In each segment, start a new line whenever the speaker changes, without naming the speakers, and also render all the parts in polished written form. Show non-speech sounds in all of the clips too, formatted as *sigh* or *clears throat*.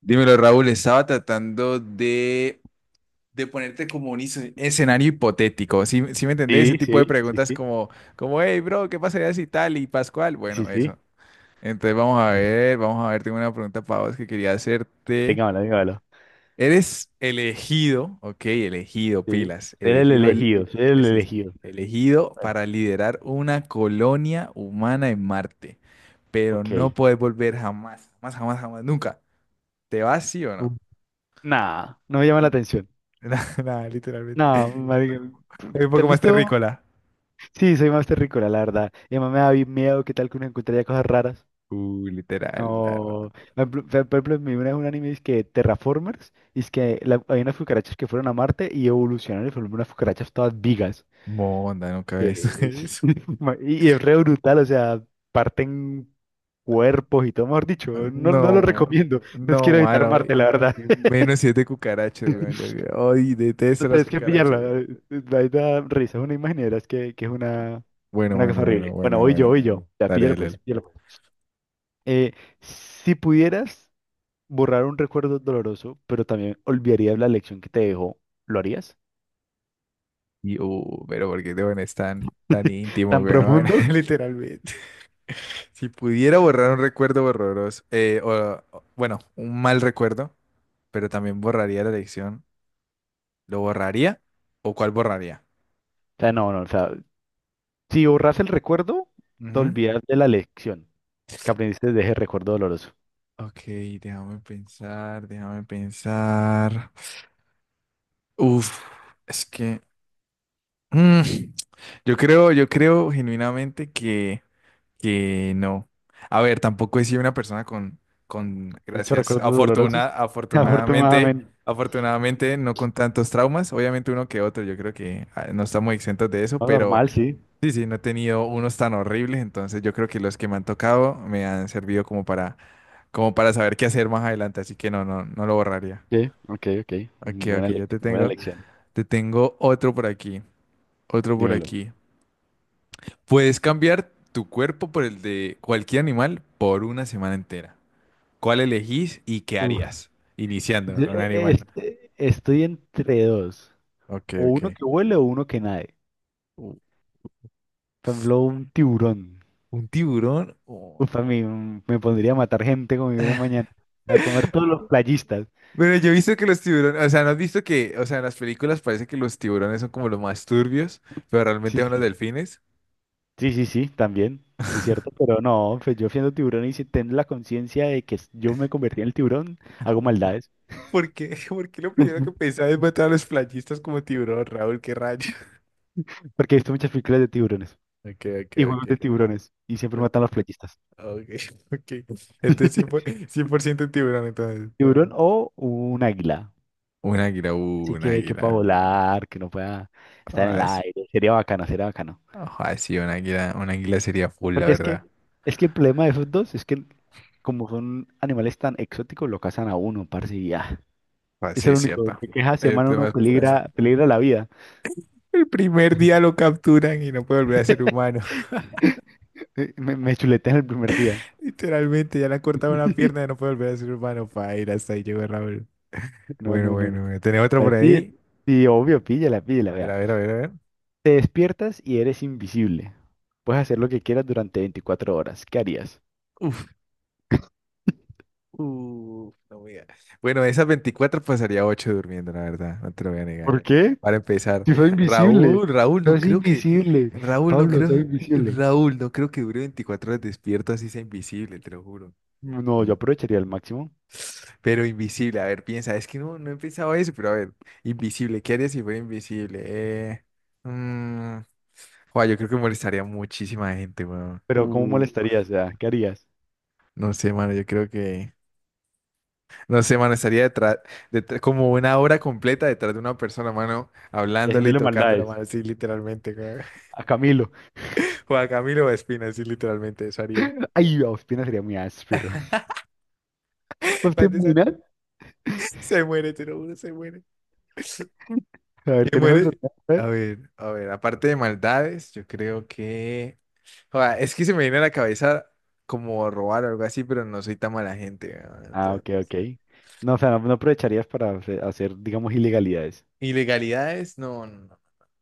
Dímelo, Raúl, estaba tratando de ponerte como un escenario hipotético. ¿Sí, sí me entendés? Ese
Sí,
tipo de
sí, sí,
preguntas
sí,
como, hey, bro, ¿qué pasaría si tal y Pascual?
sí,
Bueno, eso.
sí.
Entonces vamos a ver, tengo una pregunta para vos que quería hacerte.
Téngamelo, téngamelo.
Eres elegido, ok, elegido,
Sí.
pilas,
Ser el
elegido,
elegido, ser el
sí, sí,
elegido.
elegido
Bueno,
para liderar una colonia humana en Marte, pero
ok.
no puedes volver jamás, jamás, jamás, jamás, nunca. ¿Te vas, sí o no?
Mm. Nah, no me llama la atención.
*laughs* Nada, nada, literalmente.
No, marica,
Es un
¿te has
poco más
visto?
terrícola.
Sí, soy más terrícola, la verdad. Y además miedo. ¿Qué tal que uno encontraría cosas raras?
Literal, la verdad.
No. Por ejemplo, me vi una vez un anime, es que Terraformers, y hay unas cucarachas que fueron a Marte y evolucionaron y fueron unas cucarachas todas vigas.
Monda, nunca ves
Sí.
*laughs* eso.
*laughs* Y es re brutal. O sea, parten cuerpos y todo. Mejor dicho, no, no lo
No,
recomiendo. Entonces
no,
quiero evitar
mano.
Marte, la
y-
verdad.
y
*laughs*
menos siete cucarachas, weón. Yo, ay, detesto
No,
las
tienes que
cucarachas,
pillarla.
weón.
Ahí da risa, es una imagen y verás que,
Bueno,
una cosa
bueno, bueno,
horrible. Bueno,
bueno,
voy
bueno.
yo, voy yo. Ya,
Dale,
píllalo
dale,
pues,
dale.
píllalo. Eh, si pudieras borrar un recuerdo doloroso, pero también olvidarías la lección que te dejó, ¿lo harías?
Y, pero ¿por qué te pones tan, tan íntimo,
¿Tan
weón? *laughs*
profundo? *laughs*
Literalmente. Si pudiera borrar un recuerdo borroso, bueno, un mal recuerdo, pero también borraría la lección, ¿lo borraría? ¿O cuál borraría?
O sea, o sea, si borras el recuerdo, te
Ujú.
olvidas de la lección que aprendiste de ese recuerdo doloroso.
Ok, déjame pensar, déjame pensar. Uf, es que mm, yo creo genuinamente que no. A ver, tampoco he sido una persona con,
Muchos
gracias,
recuerdos dolorosos, *laughs*
afortunadamente,
afortunadamente.
afortunadamente no con tantos traumas, obviamente uno que otro, yo creo que no estamos exentos de eso,
No,
pero
normal, sí.
sí, sí, no he tenido unos tan horribles, entonces yo creo que los que me han tocado me han servido como para como para saber qué hacer más adelante, así que no, no, no lo borraría.
Sí, ok, ok.
Ok,
Buena
ok, yo
lección, buena, sí, lección.
te tengo otro por aquí, otro por
Dímelo.
aquí. Puedes cambiar tu cuerpo por el de cualquier animal por una semana entera. ¿Cuál elegís y qué
Uf,
harías? Iniciando
Yo,
con un animal.
este, estoy entre dos.
Ok,
O
ok.
uno que huele o uno que nade.
U-
Por ejemplo, un tiburón.
¿un tiburón? Oh.
Uf, a mí me pondría a matar gente como viene mañana. A comer todos los playistas.
Pero yo he visto que los tiburones, o sea, ¿no has visto que, o sea, en las películas parece que los tiburones son como los más turbios, pero
Sí,
realmente son los
sí.
delfines?
Sí, sí, sí, también. Es cierto, pero no, pues yo siendo tiburón y si tengo la conciencia de que yo me convertí en el tiburón, hago
*laughs*
maldades.
¿Por qué? *laughs* ¿Por qué lo primero que
*laughs*
pensaba es matar a los playistas como tiburón, Raúl? ¿Qué rayo?
Porque he visto muchas películas de tiburones
Ok, ok,
y juegos
ok.
de tiburones y siempre
Ok,
matan a los playistas.
ok, *laughs* ok. Entonces cien por
*laughs*
ciento, cien por ciento tiburón, entonces.
Tiburón o un águila.
Un águila,
Así
un
que pueda
águila.
volar, que no pueda estar en el
Ah,
aire. Sería bacano, sería bacano.
ajá, sí, un águila sería full, la
Porque es que,
verdad.
es que el problema de esos dos es que como son animales tan exóticos, lo cazan a uno, parce, y ya.
Ah,
Es
sí,
el
es
único
cierto.
que queja
El
semana uno
tema es, pues,
peligra, peligra la vida.
*laughs* el primer día lo capturan y no puede volver a ser
*laughs*
humano.
Me chuletean el primer día.
*laughs* Literalmente, ya le han cortado una pierna y
*laughs*
no puede volver a ser humano. Para ir hasta ahí llegó Raúl.
No,
Bueno,
no, no,
bueno,
no.
bueno. ¿Tenés otra por
Pero sí,
ahí?
sí, obvio, píllala, píllala,
A ver,
vea.
a ver, a ver, a ver.
Te despiertas y eres invisible. Puedes hacer lo que quieras durante 24 horas. ¿Qué harías?
Uf. Uf, no voy a- Bueno, de esas 24 pasaría 8 durmiendo, la verdad, no te lo voy a negar.
¿Por qué?
Para empezar,
Si soy invisible.
Raúl, Raúl, no
Sos
creo que,
invisible.
Raúl, no
Pablo, soy
creo,
invisible.
Raúl, no creo que dure 24 horas despierto así sea invisible, te lo juro.
No,
Mm.
yo aprovecharía al máximo.
Pero invisible, a ver, piensa, es que no, no he pensado eso, pero a ver, invisible, ¿qué haría si fuera invisible? Mm, joa, yo creo que molestaría a muchísima gente, weón.
Pero ¿cómo molestarías? O sea, ¿qué harías?
No sé, mano, yo creo que... No sé, mano, estaría detrás, como una hora completa detrás de una persona, mano,
Y
hablándole y
haciéndole
tocándola,
maldades
mano, así literalmente, güey.
a Camilo.
*laughs* Juan Camilo Espina, así literalmente, eso haría.
Ay, a Ospina sería muy áspero. *laughs* ¿Vos te
Aparte,
imaginas?
se muere, te lo juro, se muere.
A ver,
Se
¿tenés otro
muere.
tema? A ver.
A ver, aparte de maldades, yo creo que... Joda, es que se me viene a la cabeza como robar o algo así, pero no soy tan mala gente.
Ah, ok, ok. No, o sea, no, no aprovecharías para hacer, digamos, ilegalidades.
¿Ilegalidades? No, no, no, no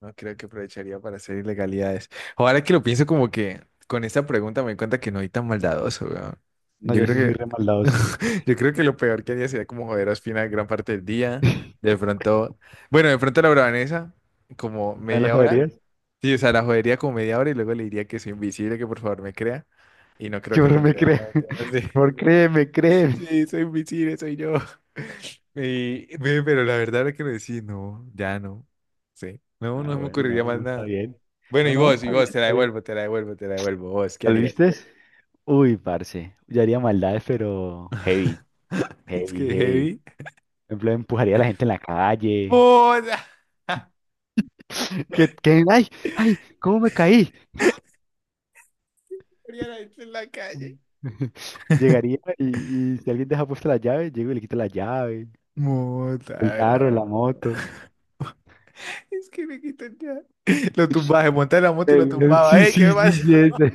no creo que aprovecharía para hacer ilegalidades. Ahora que lo pienso como que con esta pregunta me doy cuenta que no soy tan maldadoso, weón.
No,
Yo
yo sí soy
creo
re maldadoso.
que, *laughs* yo creo que lo peor que haría sería como joder a Ospina gran parte del día.
*laughs*
De pronto, bueno, de pronto la bravanesa, como
¿No las
media hora. Sí, o sea, la jodería como media hora y luego le diría que soy invisible, que por favor me crea. Y no creo
que
que
por
me
me
crea,
cree?
no.
*laughs*
*laughs* Sí.
Por favor, créeme, créeme.
Sí, soy invisible, soy yo. *laughs* Y, ve, pero la verdad es que lo decís, no, ya no. Sí, no,
Ah,
no me
bueno,
ocurriría
no,
más
no, está
nada.
bien.
Bueno,
No, no,
y
está bien,
vos, te la
está bien.
devuelvo, te la devuelvo, te la devuelvo. Vos, ¿qué
¿Lo
harías?
viste? Uy, parce, yo haría maldades, pero heavy,
*laughs* Es
heavy,
que
heavy.
heavy.
Por ejemplo, empujaría a la gente en la calle.
¡Mota! *laughs*
*laughs* Ay, ay, ¿cómo me caí?
Haría la gente en la calle.
*laughs* Llegaría y, si alguien deja puesta la llave, llego y le quito la llave,
¡Mota,
el carro, la
agarrado!
moto.
*laughs* Es que me quitan ya. *laughs* Lo tumbaba, se montaba en la moto y lo tumbaba.
Sí,
¡Ey, qué
sí,
me
sí,
pasa!
sí, ese.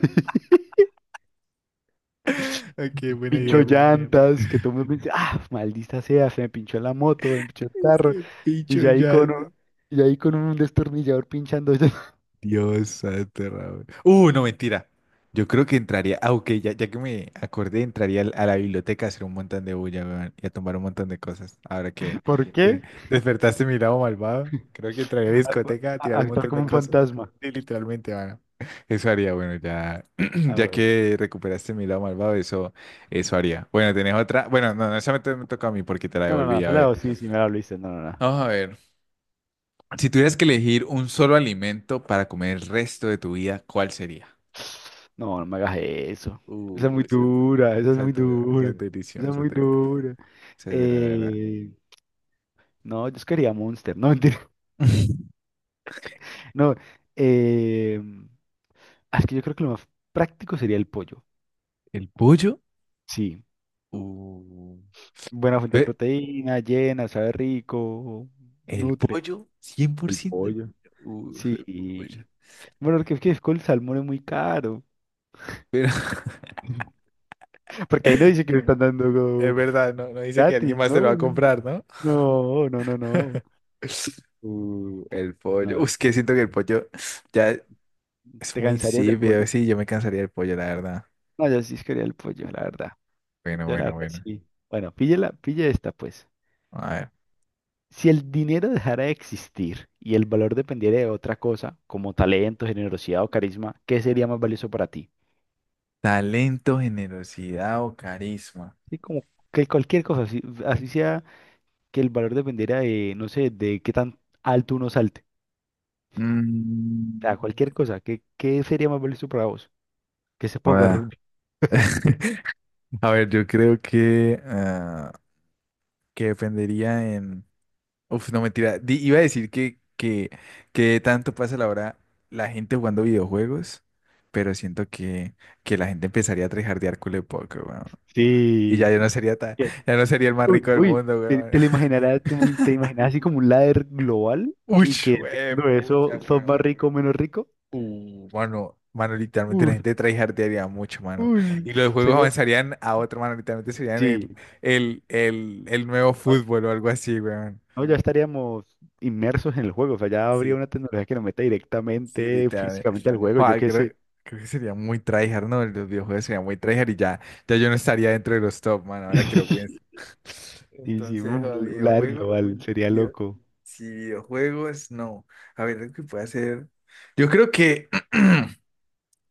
*laughs* Ok, buena idea,
Pinchó
güey.
llantas, que todo el mundo dice, ah, maldita sea, se me pinchó la moto, me pinchó el
Es
carro,
que
y
picho
ya ahí
ya.
con un, y ya ahí con un destornillador pinchando. *laughs*
Dios santo, Raúl. No, mentira. Yo creo que entraría. Ah, ok, ya, ya que me acordé, entraría a la biblioteca a hacer un montón de bulla, weón, y a tomar un montón de cosas. Ahora
¿Por
que
qué?
despertaste mi lado malvado, creo que entraría a la
A-
discoteca a tirar un
actuar
montón
como
de
un
cosas.
fantasma.
Sí, literalmente, mano. Eso haría, bueno, ya, *clears throat*
Ah,
ya
bueno.
que recuperaste mi lado malvado, eso haría. Bueno, ¿tenés otra? Bueno, no, no, esa me, me toca a mí porque te la
No, no,
devolví.
no, se
A
la
ver.
hago, sí, sí, me la hice, no, no, no.
Vamos a ver. Si tuvieras que elegir un solo alimento para comer el resto de tu vida, ¿cuál sería?
No, no me hagas eso. Esa es muy
Esa,
dura, esa es
esa
muy
es dura, esa
dura,
es
esa
deliciosa,
es muy dura.
esa es dura, la verdad.
Eh, no, yo quería Monster, no, mentira. *laughs*
*laughs*
No, eh, es que yo creo que lo más práctico sería el pollo.
¿El pollo?
Sí.
Uh,
Buena fuente de
ve,
proteína, llena, sabe rico,
¿el
nutre.
pollo?
El
100%.
pollo.
Uf,
Sí.
el pollo.
Bueno, porque es que el salmón es muy caro.
Pero
*laughs* Porque ahí
*laughs*
no dice que lo están dando como
es verdad, no, no dice que alguien
gratis,
más se
¿no?
lo va a comprar, ¿no?
No, no, no, no.
El pollo.
No,
Es que siento que el pollo ya es
te
muy
cansarías del
insípido.
pollo.
Sí, yo me cansaría del pollo, la verdad.
No, yo sí quería el pollo, la verdad.
Bueno,
Yo la
bueno,
verdad
bueno.
sí. Bueno, píllela, pilla esta pues.
A ver.
Si el dinero dejara de existir y el valor dependiera de otra cosa, como talento, generosidad o carisma, ¿qué sería más valioso para ti?
Talento, generosidad o carisma.
Sí, como que cualquier cosa, así, así sea que el valor dependiera de, no sé, de qué tan alto uno salte. O
Mm,
sea, cualquier cosa, ¿qué, qué sería más valioso para vos? Que se ponga
joda.
rugby.
*laughs* A ver, yo creo que, ah, que dependería en... Uf, no mentira. Iba a decir que tanto pasa la hora la gente jugando videojuegos, pero siento que la gente empezaría a trejardear culo poco, weón. Y ya
Sí.
yo no sería tan,
Que…
ya no sería el más
Uy,
rico del
uy,
mundo, weón.
te lo
*laughs*
imaginarás, te imaginas así como un ladder global que…
Uy,
y que dependiendo de
pucha,
eso sos más
weón.
rico o menos rico.
Mano, mano, literalmente la
Uf,
gente de tryhardearía mucho, mano.
uy,
Y los juegos
sería,
avanzarían a otro, mano, literalmente serían el,
sí.
el, el, el nuevo
Ah,
fútbol o algo así, weón.
no, ya estaríamos inmersos en el juego. O sea, ya habría
Sí,
una tecnología que nos meta
sí,
directamente,
literalmente.
físicamente al juego, yo
Joder,
qué
creo,
sé.
creo que sería muy tryhard, ¿no? Los videojuegos serían muy tryhard y ya, ya yo no estaría dentro de los top, mano, ahora que lo pienso.
*laughs*
*laughs*
Sí, sí,
Entonces,
uf,
joder,
LAR
videojuegos,
global, sería
video-
loco.
sí, videojuegos, no. A ver, lo que puede hacer. Yo creo que. *clears throat*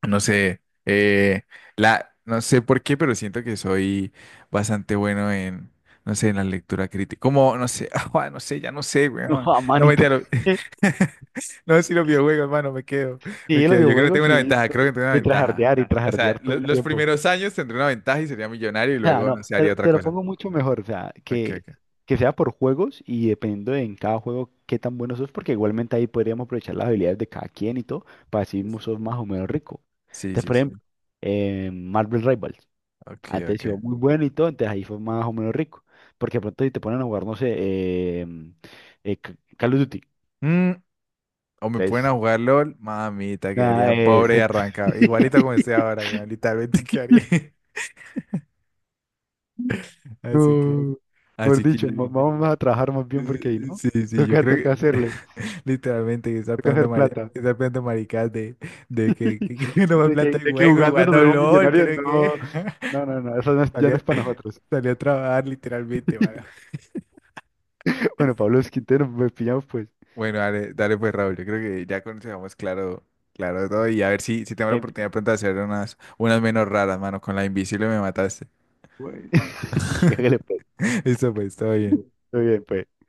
No sé, la, no sé por qué, pero siento que soy bastante bueno en, no sé, en la lectura crítica. Como, no sé, *laughs* ah, no sé, ya no sé,
No,
weón.
a
No me
manito.
entero.
*laughs*
*laughs* No, si los videojuegos, hermano, me quedo, me
Sí, los
quedo. Yo creo que
videojuegos
tengo una
sí,
ventaja, creo que tengo una ventaja.
y
O sea,
trajardear todo el
los
tiempo.
primeros años tendré una ventaja y sería millonario y
O sea,
luego,
no,
no sé, haría otra
te lo
cosa.
pongo mucho mejor. O sea,
Ok,
que,
ok.
que sea por juegos y dependiendo de en cada juego qué tan bueno sos, porque igualmente ahí podríamos aprovechar las habilidades de cada quien y todo, sos más o menos rico.
Sí,
Entonces,
sí,
por ejemplo,
sí.
Marvel Rivals,
Ok,
antes sido
ok.
muy bueno y todo, entonces ahí fue más o menos rico. Porque de pronto si te ponen a jugar, no sé, Call of Duty.
Mm, o me pueden a
Entonces
jugar LOL, mamita,
nah,
quedaría pobre y
exacto.
arrancado. Igualito como estoy
*laughs*
ahora, weón, literalmente quedaría. *laughs* Así que,
No, mejor
así que
dicho,
yo,
vamos a trabajar más bien porque ahí, ¿no?
sí, sí, yo
Toca,
creo
toca
que
hacerle,
*laughs* literalmente que está
toca
pegando,
hacer plata.
está pegando maricas de
*laughs*
que no me plata el
De que
juego y
jugando nos
jugando
volvemos
LOL,
millonarios,
creo que
no, no, no, no, eso no es- ya
salí
no es
a,
para nosotros.
salí a trabajar literalmente, mano.
*laughs* Bueno, Pablo Esquintero, nos pillamos pues.
Bueno, dale, dale pues Raúl, yo creo que ya conocemos claro, claro todo y a ver si, si tengo la
El…
oportunidad pronto de hacer unas, unas menos raras, mano, con la invisible me mataste.
*laughs*
*laughs*
hágale pues,
*laughs* Listo, pues, todo bien.
todo bien pues.